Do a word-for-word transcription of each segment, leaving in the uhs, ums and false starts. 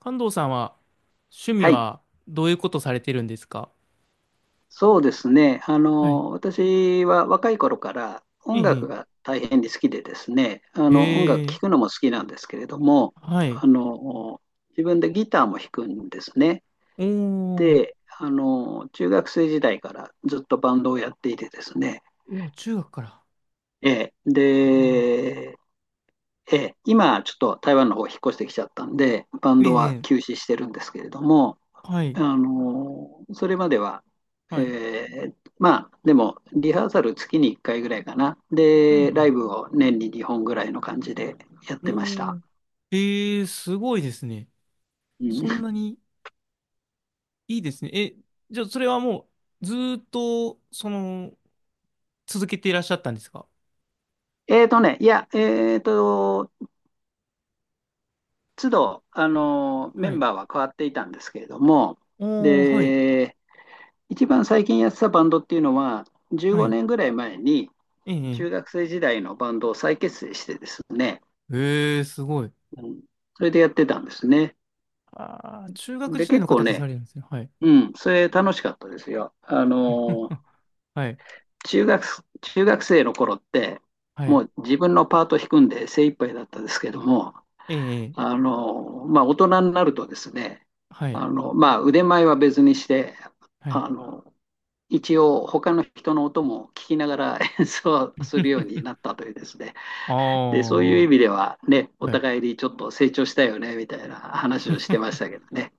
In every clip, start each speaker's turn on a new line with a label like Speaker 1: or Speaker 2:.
Speaker 1: 関東さんは趣味
Speaker 2: はい、
Speaker 1: はどういうことされてるんですか？
Speaker 2: そうですね。あ
Speaker 1: はい。
Speaker 2: の、私は若い頃から
Speaker 1: え
Speaker 2: 音楽
Speaker 1: え、
Speaker 2: が大変に好きでですね、あの、音楽
Speaker 1: ええ、
Speaker 2: 聴くのも好きなんですけれども、
Speaker 1: はい。
Speaker 2: あの、自分でギターも弾くんですね。
Speaker 1: おー、
Speaker 2: で、あの、中学生時代からずっとバンドをやっていてですね、
Speaker 1: おー、中学から。
Speaker 2: えー
Speaker 1: おー
Speaker 2: で、えー今ちょっと台湾の方引っ越してきちゃったんで、バン
Speaker 1: え
Speaker 2: ドは
Speaker 1: え、
Speaker 2: 休止してるんですけれども、
Speaker 1: は
Speaker 2: あ
Speaker 1: い、
Speaker 2: の、それまでは、え
Speaker 1: はい。
Speaker 2: ーまあ、でも、リハーサル月にいっかいぐらいかな。
Speaker 1: う
Speaker 2: で、ライ
Speaker 1: ん、
Speaker 2: ブを年ににほんぐらいの感じでやっ
Speaker 1: う
Speaker 2: てまし
Speaker 1: ん。お
Speaker 2: た。
Speaker 1: ー、ええ、すごいですね。
Speaker 2: う
Speaker 1: そん
Speaker 2: ん。
Speaker 1: なにいいですね。え、じゃあそれはもうずーっと、その、続けていらっしゃったんですか？
Speaker 2: えーとね、いや、えーと、都度、あの、メ
Speaker 1: は
Speaker 2: ン
Speaker 1: い。
Speaker 2: バーは変わっていたんですけれども、
Speaker 1: おー、はい、
Speaker 2: で、一番最近やってたバンドっていうのは、15
Speaker 1: はい。
Speaker 2: 年ぐらい前に、
Speaker 1: ええ、
Speaker 2: 中学生時代のバンドを再結成してですね、
Speaker 1: ええ、すごい。
Speaker 2: うん、それでやってたんですね。
Speaker 1: ああ、中学
Speaker 2: で、
Speaker 1: 時代
Speaker 2: 結
Speaker 1: の
Speaker 2: 構
Speaker 1: 方とさ
Speaker 2: ね、
Speaker 1: れるんですね。はい。
Speaker 2: うん、それ楽しかったですよ。あの、
Speaker 1: はい。
Speaker 2: 中学、中学生の頃って、
Speaker 1: はい。
Speaker 2: もう自分のパート弾くんで精一杯だったですけども、
Speaker 1: ええ、ええ
Speaker 2: あの、まあ、大人になるとですね、
Speaker 1: はい。
Speaker 2: あの、まあ、腕前は別にして、
Speaker 1: はい。
Speaker 2: あの、一応他の人の音も聞きながら 演奏するようになっ たというですね。
Speaker 1: あ
Speaker 2: で、そういう意味
Speaker 1: あ、
Speaker 2: ではね、お
Speaker 1: はい。
Speaker 2: 互いにちょっと成長したよね、みたいな話をしてまし たけどね。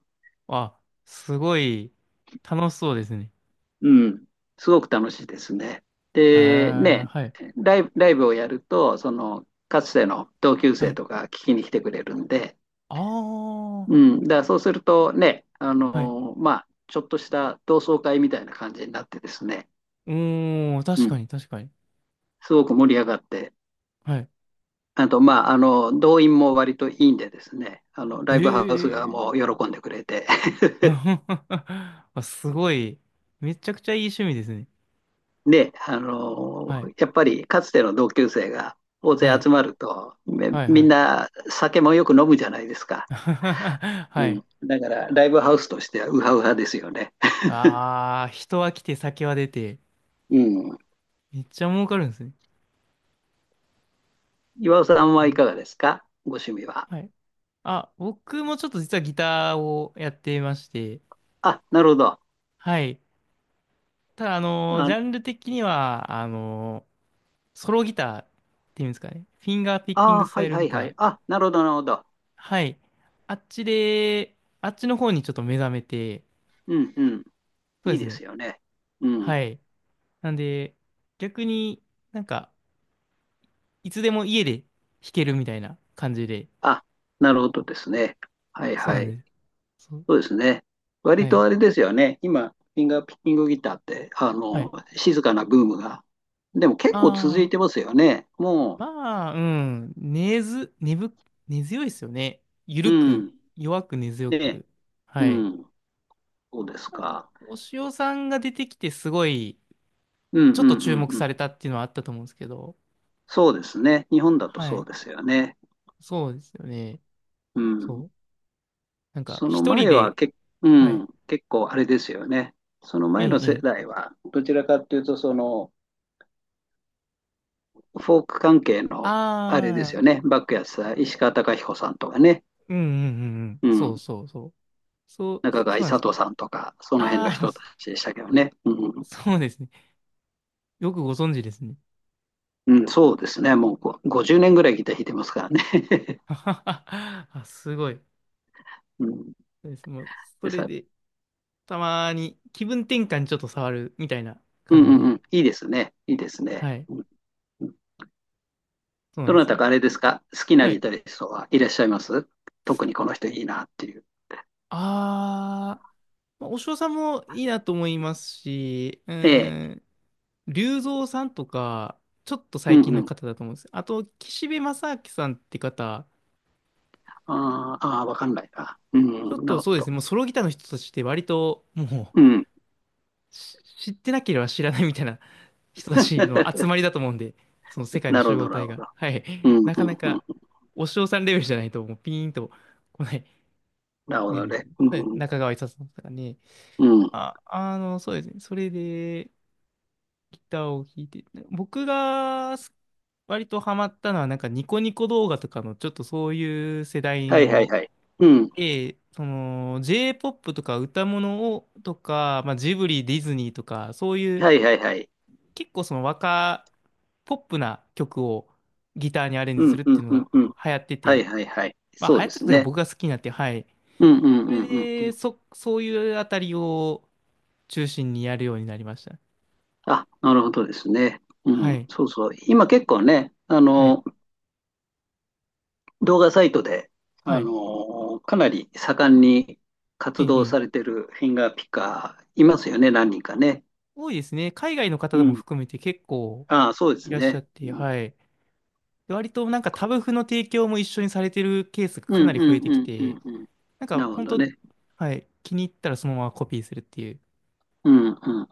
Speaker 1: あ、すごい楽しそうですね。
Speaker 2: うん、すごく楽しいですね。
Speaker 1: え
Speaker 2: で、
Speaker 1: え、
Speaker 2: ね、
Speaker 1: はい。
Speaker 2: ライブ、ライブをやると、その、かつての同級
Speaker 1: は
Speaker 2: 生
Speaker 1: い。
Speaker 2: とか聞きに来てくれるんで、
Speaker 1: あ
Speaker 2: う
Speaker 1: あ、
Speaker 2: ん、だからそうするとね、あ
Speaker 1: はい。
Speaker 2: のーまあ、ちょっとした同窓会みたいな感じになってですね、
Speaker 1: うーん、
Speaker 2: う
Speaker 1: 確か
Speaker 2: ん、
Speaker 1: に、確かに。
Speaker 2: すごく盛り上がって、
Speaker 1: はい。
Speaker 2: あと、まあ、あの、動員も割といいんでですね、あの、ラ
Speaker 1: え
Speaker 2: イブハウス側
Speaker 1: え。
Speaker 2: も喜んでくれて、
Speaker 1: あ、すごい。めちゃくちゃいい趣味ですね。
Speaker 2: で、あの
Speaker 1: はい。
Speaker 2: ーやっぱりかつての同級生が大勢
Speaker 1: はい。
Speaker 2: 集まると、め
Speaker 1: はい、は
Speaker 2: みん
Speaker 1: い。
Speaker 2: な酒もよく飲むじゃないですか。う
Speaker 1: はい。
Speaker 2: ん。だから、ライブハウスとしてはウハウハですよね。
Speaker 1: ああ、人は来て酒は出て、
Speaker 2: うん。
Speaker 1: めっちゃ儲かるんですね。
Speaker 2: 岩尾さん
Speaker 1: いい
Speaker 2: は
Speaker 1: ね。
Speaker 2: いかがですか、ご趣味は？
Speaker 1: はい。あ、僕もちょっと実はギターをやっていまして、
Speaker 2: あ、なるほど。
Speaker 1: はい。ただ、あのージ
Speaker 2: あ、
Speaker 1: ャンル的には、あのーソロギターっていうんですかね。フィンガーピッキン
Speaker 2: あ
Speaker 1: グ
Speaker 2: ー、
Speaker 1: ス
Speaker 2: は
Speaker 1: タイ
Speaker 2: い
Speaker 1: ル
Speaker 2: は
Speaker 1: ギ
Speaker 2: いは
Speaker 1: ター。
Speaker 2: い。あ、なるほど、なるほど。
Speaker 1: はい。あっちで、あっちの方にちょっと目覚めて、
Speaker 2: うんうん。
Speaker 1: そう
Speaker 2: い
Speaker 1: で
Speaker 2: い
Speaker 1: す
Speaker 2: で
Speaker 1: ね。
Speaker 2: すよね。うん。
Speaker 1: はい。なんで、逆になんか、いつでも家で弾けるみたいな感じで。
Speaker 2: あ、なるほどですね。はい
Speaker 1: そうな
Speaker 2: は
Speaker 1: ん
Speaker 2: い。
Speaker 1: です。そう。
Speaker 2: そうですね。
Speaker 1: は
Speaker 2: 割と
Speaker 1: い。
Speaker 2: あれですよね。今、フィンガーピッキングギターって、あ
Speaker 1: は
Speaker 2: の、
Speaker 1: い。
Speaker 2: 静かなブームが。でも結構続
Speaker 1: あ
Speaker 2: いて
Speaker 1: あ。
Speaker 2: ますよね。も
Speaker 1: まあ、うん。根ず、根ぶ、根強いですよね。ゆ
Speaker 2: う、
Speaker 1: る
Speaker 2: う
Speaker 1: く、
Speaker 2: ん。
Speaker 1: 弱く根強
Speaker 2: ね、
Speaker 1: く。
Speaker 2: う
Speaker 1: はい。
Speaker 2: ん。そうです
Speaker 1: 多分
Speaker 2: か。
Speaker 1: お塩さんが出てきてすごい、
Speaker 2: うんう
Speaker 1: ちょっと
Speaker 2: んう
Speaker 1: 注目
Speaker 2: んうん。
Speaker 1: されたっていうのはあったと思うんですけど。
Speaker 2: そうですね。日本だと
Speaker 1: は
Speaker 2: そう
Speaker 1: い。
Speaker 2: ですよね。
Speaker 1: そうですよね。
Speaker 2: う
Speaker 1: そ
Speaker 2: ん。
Speaker 1: う。なんか、
Speaker 2: その
Speaker 1: 一人
Speaker 2: 前は
Speaker 1: で、
Speaker 2: け、う
Speaker 1: はい。
Speaker 2: ん、結構あれですよね。その
Speaker 1: え
Speaker 2: 前の
Speaker 1: え、
Speaker 2: 世
Speaker 1: え
Speaker 2: 代は、どちらかというと、その、フォーク関係の、あれです
Speaker 1: あ
Speaker 2: よ
Speaker 1: あ、
Speaker 2: ね。バックやさ、ん石川貴彦さんとかね。
Speaker 1: うんうんうんうん。
Speaker 2: う
Speaker 1: そう
Speaker 2: ん。
Speaker 1: そうそう。そう、
Speaker 2: 中川
Speaker 1: そうなん
Speaker 2: 勇
Speaker 1: です
Speaker 2: 人
Speaker 1: ね。
Speaker 2: さんとか、その辺の
Speaker 1: ああ、
Speaker 2: 人た ちでしたけどね。うん
Speaker 1: そうですね。よくご存知ですね。
Speaker 2: うん、そうですね。もうこうごじゅうねんぐらいギター弾いてますからね。
Speaker 1: あ、すごい。
Speaker 2: うん、
Speaker 1: そうです。もう、そ
Speaker 2: で
Speaker 1: れ
Speaker 2: さ、
Speaker 1: で、たまに気分転換にちょっと触るみたいな
Speaker 2: う
Speaker 1: 感
Speaker 2: んう
Speaker 1: じ
Speaker 2: ん
Speaker 1: で。
Speaker 2: うん。いいですね。いいですね。
Speaker 1: はい。
Speaker 2: うんうん。
Speaker 1: そうなん
Speaker 2: ど
Speaker 1: で
Speaker 2: な
Speaker 1: す
Speaker 2: た
Speaker 1: よ。
Speaker 2: かあれですか、好きな
Speaker 1: は
Speaker 2: ギ
Speaker 1: い。
Speaker 2: タリストはいらっしゃいます特にこの人いいなっていう。
Speaker 1: あー、まあ、お尚さんもいいなと思いますし、う
Speaker 2: ええ。
Speaker 1: ーん、龍造さんとか、ちょっと
Speaker 2: う
Speaker 1: 最近
Speaker 2: んう
Speaker 1: の
Speaker 2: ん。
Speaker 1: 方だと思うんです。あと、岸辺正明さんって方、
Speaker 2: あーあー、わかんないな。う
Speaker 1: ちょ
Speaker 2: んう
Speaker 1: っ
Speaker 2: ん、な
Speaker 1: と
Speaker 2: るほ
Speaker 1: そうですね、
Speaker 2: ど。
Speaker 1: もうソロギターの人たちって割と、も
Speaker 2: うん。
Speaker 1: う、し知ってなければ知らないみたいな人たちの集ま りだと思うんで、その世界の
Speaker 2: なるほ
Speaker 1: 集合
Speaker 2: ど、なる
Speaker 1: 体
Speaker 2: ほ
Speaker 1: が。
Speaker 2: ど。
Speaker 1: は
Speaker 2: うん
Speaker 1: い。
Speaker 2: うん
Speaker 1: なかな
Speaker 2: うん。
Speaker 1: か、お尚さんレベルじゃないと、もうピーンと来ない
Speaker 2: なるほ
Speaker 1: ね
Speaker 2: ど
Speaker 1: です
Speaker 2: ね。
Speaker 1: ね。
Speaker 2: う
Speaker 1: はい、
Speaker 2: ん
Speaker 1: 中川勇さんとかね。
Speaker 2: うん。うん。
Speaker 1: あ、あの、そうですね。それでギターを弾いて、僕がす割とハマったのは、なんかニコニコ動画とかのちょっとそういう世代
Speaker 2: はいはい
Speaker 1: の、
Speaker 2: はい。うん。
Speaker 1: ええ、その J-ポップ とか歌物をとか、まあ、ジブリ、ディズニーとか、そういう
Speaker 2: はいはいはい。
Speaker 1: 結構その若、ポップな曲をギターにアレン
Speaker 2: う
Speaker 1: ジす
Speaker 2: ん
Speaker 1: るっ
Speaker 2: う
Speaker 1: て
Speaker 2: ん
Speaker 1: いうの
Speaker 2: うん
Speaker 1: が
Speaker 2: うん。
Speaker 1: 流行って
Speaker 2: はい
Speaker 1: て、
Speaker 2: はいはい。
Speaker 1: まあ
Speaker 2: そ
Speaker 1: 流
Speaker 2: う
Speaker 1: 行
Speaker 2: で
Speaker 1: って
Speaker 2: す
Speaker 1: たというか
Speaker 2: ね。
Speaker 1: 僕が好きになって、はい。
Speaker 2: うんうん
Speaker 1: そ
Speaker 2: う
Speaker 1: れ
Speaker 2: んうんう
Speaker 1: で、
Speaker 2: ん。
Speaker 1: そ、そういうあたりを中心にやるようになりました。
Speaker 2: あ、なるほどですね。う
Speaker 1: は
Speaker 2: ん、
Speaker 1: い。
Speaker 2: そうそう。今結構ね、あ
Speaker 1: はい。
Speaker 2: の、動画サイトで、
Speaker 1: は
Speaker 2: あ
Speaker 1: い。
Speaker 2: の、かなり盛んに
Speaker 1: え
Speaker 2: 活動
Speaker 1: え、ええ
Speaker 2: されてるフィンガーピッカーいますよね、何人かね。
Speaker 1: 多いですね。海外の
Speaker 2: う
Speaker 1: 方も
Speaker 2: ん。
Speaker 1: 含めて結構
Speaker 2: ああ、そうで
Speaker 1: い
Speaker 2: す
Speaker 1: らっしゃっ
Speaker 2: ね。
Speaker 1: て、
Speaker 2: うん
Speaker 1: はい。で割となんかタブ譜の提供も一緒にされてるケースが
Speaker 2: う
Speaker 1: か
Speaker 2: ん
Speaker 1: なり増
Speaker 2: う
Speaker 1: え
Speaker 2: ん
Speaker 1: て
Speaker 2: う
Speaker 1: き
Speaker 2: んう
Speaker 1: て、
Speaker 2: んうん。
Speaker 1: なん
Speaker 2: な
Speaker 1: か
Speaker 2: るほ
Speaker 1: 本
Speaker 2: ど
Speaker 1: 当、
Speaker 2: ね。
Speaker 1: はい。気に入ったらそのままコピーするってい
Speaker 2: うんうん。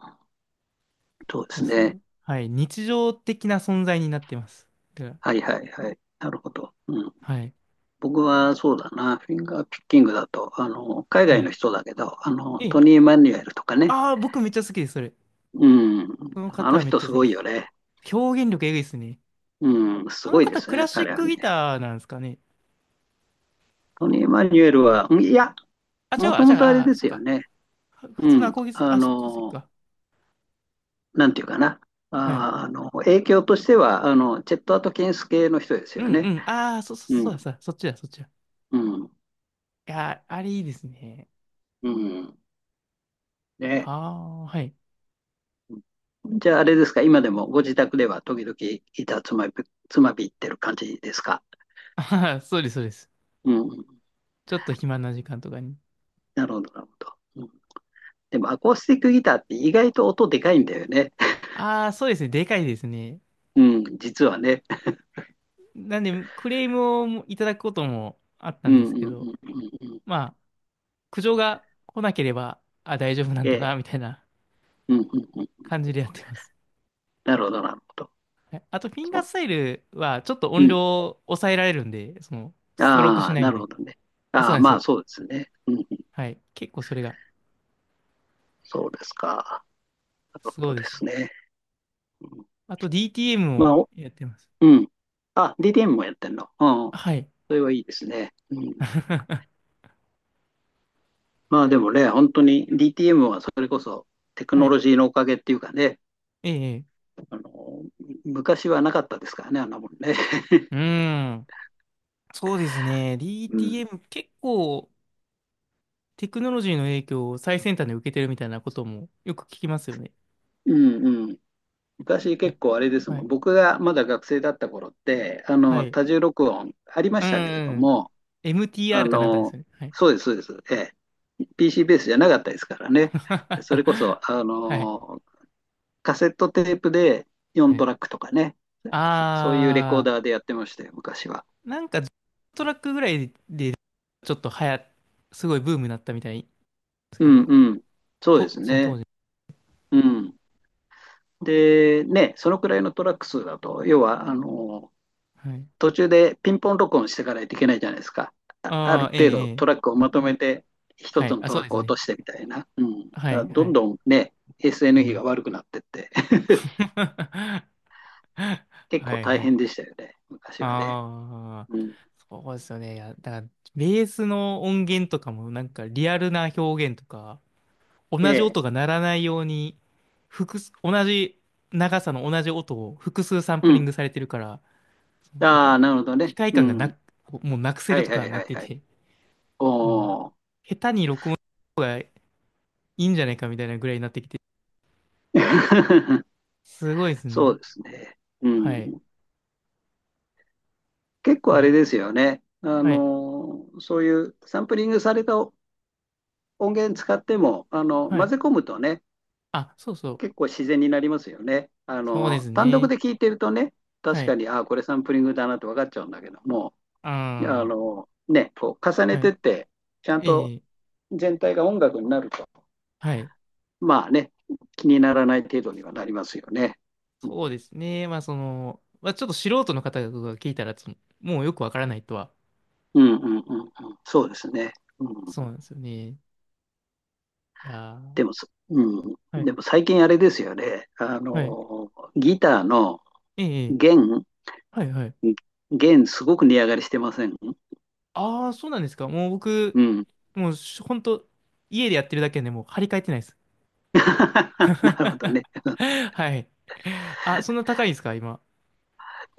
Speaker 2: そうで
Speaker 1: う、
Speaker 2: す
Speaker 1: すご
Speaker 2: ね。
Speaker 1: い、はい。日常的な存在になってます。だか
Speaker 2: はいはいはい。なるほど。うん、
Speaker 1: ら、はい。
Speaker 2: 僕はそうだな、フィンガーピッキングだと、あの、海
Speaker 1: は
Speaker 2: 外
Speaker 1: い。
Speaker 2: の人だけど、あの、
Speaker 1: ええ。
Speaker 2: トニー・マニュエルとかね、
Speaker 1: ああ、僕めっちゃ好きです、それ。
Speaker 2: うん、
Speaker 1: この
Speaker 2: あ
Speaker 1: 方
Speaker 2: の
Speaker 1: はめっ
Speaker 2: 人
Speaker 1: ちゃ
Speaker 2: す
Speaker 1: 好きで
Speaker 2: ごい
Speaker 1: す。
Speaker 2: よね。
Speaker 1: 表現力えぐいですね。
Speaker 2: うん、す
Speaker 1: あの
Speaker 2: ごいで
Speaker 1: 方、
Speaker 2: す
Speaker 1: クラ
Speaker 2: ね、
Speaker 1: シッ
Speaker 2: 彼は
Speaker 1: ク
Speaker 2: ね。
Speaker 1: ギターなんですかね。
Speaker 2: トニー・マニュエルは、うん、いや、
Speaker 1: あ、違う
Speaker 2: も
Speaker 1: わ。
Speaker 2: と
Speaker 1: じ
Speaker 2: も
Speaker 1: ゃ
Speaker 2: とあれ
Speaker 1: あ、あ、
Speaker 2: で
Speaker 1: そ
Speaker 2: す
Speaker 1: っ
Speaker 2: よ
Speaker 1: か。
Speaker 2: ね。
Speaker 1: は普
Speaker 2: う
Speaker 1: 通のア
Speaker 2: ん、
Speaker 1: コギス、
Speaker 2: あ
Speaker 1: あ、そ、鉱石
Speaker 2: の、
Speaker 1: か。
Speaker 2: なんていうかな。
Speaker 1: はい。
Speaker 2: あー、あの、影響としては、あの、チェット・アトキンス系の人です
Speaker 1: う
Speaker 2: よ
Speaker 1: んう
Speaker 2: ね。
Speaker 1: ん。ああ、そ、そ、
Speaker 2: う
Speaker 1: そ
Speaker 2: ん、
Speaker 1: うだ、そうだ、そっちだ、そっちだ。
Speaker 2: うん、
Speaker 1: いやー、あれいいですね。
Speaker 2: うん。ね。
Speaker 1: ああ、はい。
Speaker 2: じゃあ、あれですか、今でもご自宅では時々板つまび、つまびってる感じですか？
Speaker 1: あはは、そうです、そうです。
Speaker 2: うん。
Speaker 1: ちょっと暇な時間とかに。
Speaker 2: なるほど、なるほど。うん、でも、アコースティックギターって意外と音でかいんだよね。
Speaker 1: ああ、そうですね。でかいですね。
Speaker 2: うん、実はね。
Speaker 1: なんで、クレームをいただくこともあった
Speaker 2: う
Speaker 1: んで
Speaker 2: ん
Speaker 1: す
Speaker 2: う
Speaker 1: け
Speaker 2: んう
Speaker 1: ど、
Speaker 2: んうんうん。
Speaker 1: まあ、苦情が来なければ、あ、大丈夫なん
Speaker 2: え
Speaker 1: だ
Speaker 2: え。
Speaker 1: な、みたいな
Speaker 2: うんうんうん。
Speaker 1: 感じでやってます。
Speaker 2: なるほど、なるほど。
Speaker 1: はい。あと、フィン
Speaker 2: そ
Speaker 1: ガー
Speaker 2: う。
Speaker 1: スタイルは、ちょっと
Speaker 2: う
Speaker 1: 音量
Speaker 2: ん。
Speaker 1: を抑えられるんで、その、ストロークし
Speaker 2: ああ、
Speaker 1: ない
Speaker 2: な
Speaker 1: ん
Speaker 2: る
Speaker 1: で。
Speaker 2: ほどね。
Speaker 1: あ、そ
Speaker 2: あ
Speaker 1: う
Speaker 2: あ、
Speaker 1: なんです
Speaker 2: まあ
Speaker 1: よ。
Speaker 2: そうですね。うん、
Speaker 1: はい。結構それが、
Speaker 2: そうですか。なる
Speaker 1: そ
Speaker 2: ほ
Speaker 1: う
Speaker 2: ど
Speaker 1: で
Speaker 2: で
Speaker 1: すね。
Speaker 2: すね。うん、
Speaker 1: あと ディーティーエム
Speaker 2: ま
Speaker 1: を
Speaker 2: あ、お
Speaker 1: やってます。
Speaker 2: うん。あ、ディーティーエム もやってんの。うん。
Speaker 1: はい。
Speaker 2: それはいいですね。うん。まあでもね、本当に ディーティーエム はそれこそテク
Speaker 1: は
Speaker 2: ノ
Speaker 1: い。
Speaker 2: ロジーのおかげっていうかね、
Speaker 1: ええ。
Speaker 2: あの、昔はなかったですからね、あんなもんね。
Speaker 1: うーん。そうですね。
Speaker 2: うん。
Speaker 1: ディーティーエム 結構テクノロジーの影響を最先端で受けてるみたいなこともよく聞きますよね。
Speaker 2: うんうん。昔
Speaker 1: やっ
Speaker 2: 結構あれです
Speaker 1: ぱは
Speaker 2: もん。
Speaker 1: い。
Speaker 2: 僕がまだ学生だった頃って、あ
Speaker 1: は
Speaker 2: の、
Speaker 1: い。
Speaker 2: 多重録音ありま
Speaker 1: うん、
Speaker 2: したけれど
Speaker 1: うん。
Speaker 2: も、あ
Speaker 1: エムティーアール かなんかです
Speaker 2: の、
Speaker 1: よね。はい。
Speaker 2: そうです、そうです。ええ。ピーシー ベースじゃなかったですからね。でそれこ そ、あ
Speaker 1: はい。
Speaker 2: の、カセットテープで
Speaker 1: は
Speaker 2: よんト
Speaker 1: い。
Speaker 2: ラックとかね。そそういうレコー
Speaker 1: あ
Speaker 2: ダーでやってましたよ、昔は。
Speaker 1: ー、なんかトラックぐらいでちょっと流行、すごいブームになったみたいです
Speaker 2: う
Speaker 1: け
Speaker 2: ん
Speaker 1: ど、
Speaker 2: うん。そうで
Speaker 1: と、
Speaker 2: す
Speaker 1: その当
Speaker 2: ね。
Speaker 1: 時。
Speaker 2: うん。で、ね、そのくらいのトラック数だと、要は、あの、
Speaker 1: はい。
Speaker 2: 途中でピンポン録音してからいといけないじゃないですか。あ、あ
Speaker 1: ああ、
Speaker 2: る
Speaker 1: ええ、
Speaker 2: 程度
Speaker 1: え
Speaker 2: ト
Speaker 1: え。
Speaker 2: ラックをまとめて、一
Speaker 1: は
Speaker 2: つ
Speaker 1: い。
Speaker 2: の
Speaker 1: あ、
Speaker 2: ト
Speaker 1: そう
Speaker 2: ラッ
Speaker 1: で
Speaker 2: ク
Speaker 1: す
Speaker 2: を落と
Speaker 1: ね。
Speaker 2: してみたいな。うん。だ
Speaker 1: は
Speaker 2: から
Speaker 1: い、
Speaker 2: ど
Speaker 1: は
Speaker 2: ん
Speaker 1: い。
Speaker 2: どんね、
Speaker 1: う
Speaker 2: エスエヌ 比
Speaker 1: ん。
Speaker 2: が悪くなってって、結
Speaker 1: は
Speaker 2: 構
Speaker 1: い、
Speaker 2: 大
Speaker 1: は
Speaker 2: 変
Speaker 1: い。
Speaker 2: でしたよね、昔はね。
Speaker 1: ああ、
Speaker 2: うん。
Speaker 1: そうですよね。いや、だから、ベースの音源とかも、なんか、リアルな表現とか、同
Speaker 2: え
Speaker 1: じ
Speaker 2: え。
Speaker 1: 音が鳴らないように、複数、同じ長さの同じ音を複数サン
Speaker 2: う
Speaker 1: プリン
Speaker 2: ん。
Speaker 1: グされてるから、そのなん
Speaker 2: あ
Speaker 1: か、
Speaker 2: あ、なるほど
Speaker 1: 機
Speaker 2: ね。
Speaker 1: 械
Speaker 2: う
Speaker 1: 感がな
Speaker 2: ん。
Speaker 1: く、もうなくせ
Speaker 2: は
Speaker 1: る
Speaker 2: い
Speaker 1: と
Speaker 2: はい
Speaker 1: かな
Speaker 2: は
Speaker 1: っ
Speaker 2: い
Speaker 1: て
Speaker 2: はい。
Speaker 1: て、うん、
Speaker 2: おお。
Speaker 1: 下手に録音した方がいいんじゃないかみたいなぐらいになってきて、すごいです
Speaker 2: そ
Speaker 1: ね。
Speaker 2: うですね。う
Speaker 1: はい。
Speaker 2: ん。結
Speaker 1: う
Speaker 2: 構あれ
Speaker 1: ん。
Speaker 2: ですよね。あ
Speaker 1: はい。
Speaker 2: のそういうサンプリングされた音源使っても、あの、
Speaker 1: は
Speaker 2: 混
Speaker 1: い。
Speaker 2: ぜ込むとね、
Speaker 1: あ、そうそう。
Speaker 2: 結構自然になりますよね。あ
Speaker 1: そうで
Speaker 2: の、
Speaker 1: す
Speaker 2: 単独
Speaker 1: ね。
Speaker 2: で聞いてるとね、
Speaker 1: は
Speaker 2: 確か
Speaker 1: い。
Speaker 2: に、ああ、これサンプリングだなって分かっちゃうんだけども、あ
Speaker 1: あ
Speaker 2: の、ね、こう重
Speaker 1: あ、
Speaker 2: ね
Speaker 1: は
Speaker 2: て
Speaker 1: い。
Speaker 2: って、ちゃん
Speaker 1: え
Speaker 2: と
Speaker 1: え、
Speaker 2: 全体が音楽になると、
Speaker 1: はい。
Speaker 2: まあね、気にならない程度にはなりますよね。う
Speaker 1: そうですね。まあ、その、まあ、ちょっと素人の方が聞いたら、つもうよくわからないとは。
Speaker 2: んうんうんうんうん、そうですね。うん、
Speaker 1: そうなんですよね。いや
Speaker 2: でも
Speaker 1: ー、
Speaker 2: そ、う
Speaker 1: は
Speaker 2: ん、
Speaker 1: い。
Speaker 2: でも最近あれですよね。あ
Speaker 1: はい。
Speaker 2: の、ギターの
Speaker 1: ええ、
Speaker 2: 弦、
Speaker 1: はい、はい。
Speaker 2: 弦すごく値上がりしてません？
Speaker 1: ああ、そうなんですか。もう僕、
Speaker 2: うん。
Speaker 1: もう、しほんと、家でやってるだけでもう張り替えてないです。
Speaker 2: なるほどね。
Speaker 1: はい。あ、そんな高いんですか、今。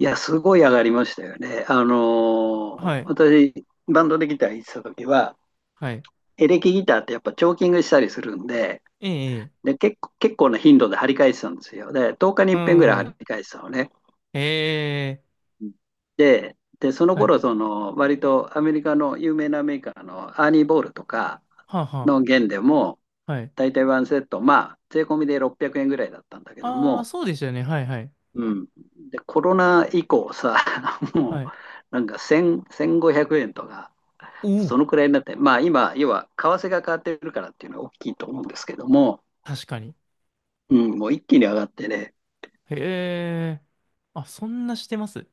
Speaker 2: いや、すごい上がりましたよね。あのー
Speaker 1: はい。
Speaker 2: 私、バンドでギター弾いてた時は、
Speaker 1: はい。
Speaker 2: エレキギターってやっぱチョーキングしたりするんで、
Speaker 1: ええ、ええ
Speaker 2: で、結構、結構な頻度で張り替えてたんですよ。で、とおかに
Speaker 1: う
Speaker 2: いっ遍ぐらい張り
Speaker 1: ん。
Speaker 2: 替えてたのね。
Speaker 1: ええ
Speaker 2: うん。で、で、その
Speaker 1: はい。
Speaker 2: 頃、その、割とアメリカの有名なメーカーのアーニー・ボールとか
Speaker 1: はあ、は
Speaker 2: の弦でも、
Speaker 1: あ、はい。
Speaker 2: 大体ワンセット、まあ、税込みでろっぴゃくえんぐらいだったんだけど
Speaker 1: ああ、
Speaker 2: も、
Speaker 1: そうでしたよね。はい、はい。
Speaker 2: うん。で、コロナ以降さ、も
Speaker 1: は
Speaker 2: う、
Speaker 1: い。
Speaker 2: なんかせん、せんごひゃくえんとか、
Speaker 1: お
Speaker 2: そ
Speaker 1: お、
Speaker 2: のくらいになって、まあ今、要は為替が変わってるからっていうのは大きいと思うんですけども、
Speaker 1: 確かに。
Speaker 2: うん、もう一気に上がってね、
Speaker 1: へえ。あ、そんなしてます。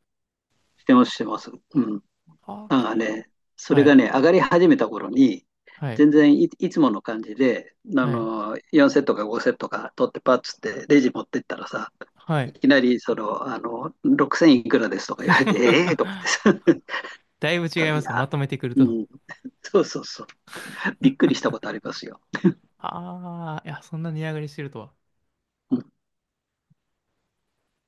Speaker 2: してます、してます。うん。
Speaker 1: はー
Speaker 2: な
Speaker 1: け
Speaker 2: んか
Speaker 1: ー。
Speaker 2: ね、それ
Speaker 1: は
Speaker 2: が
Speaker 1: い、
Speaker 2: ね、上がり始めた頃に、
Speaker 1: はい、
Speaker 2: 全然い、いつもの感じで、あ
Speaker 1: はい、
Speaker 2: の、よんセットかごセットか取ってパッつってレジ持ってったらさ、
Speaker 1: は
Speaker 2: い
Speaker 1: い。
Speaker 2: きなり、その、あの、ろくせんいくらですとか言われて、ええーとか 言ってさ、言っ
Speaker 1: だいぶ
Speaker 2: た
Speaker 1: 違い
Speaker 2: ら、
Speaker 1: ま
Speaker 2: い
Speaker 1: すね。ま
Speaker 2: や、
Speaker 1: とめてくる
Speaker 2: う
Speaker 1: と。
Speaker 2: ん、そうそうそう、びっくりしたことありますよ。
Speaker 1: ああ、いや、そんな値上がりしてるとは。
Speaker 2: うん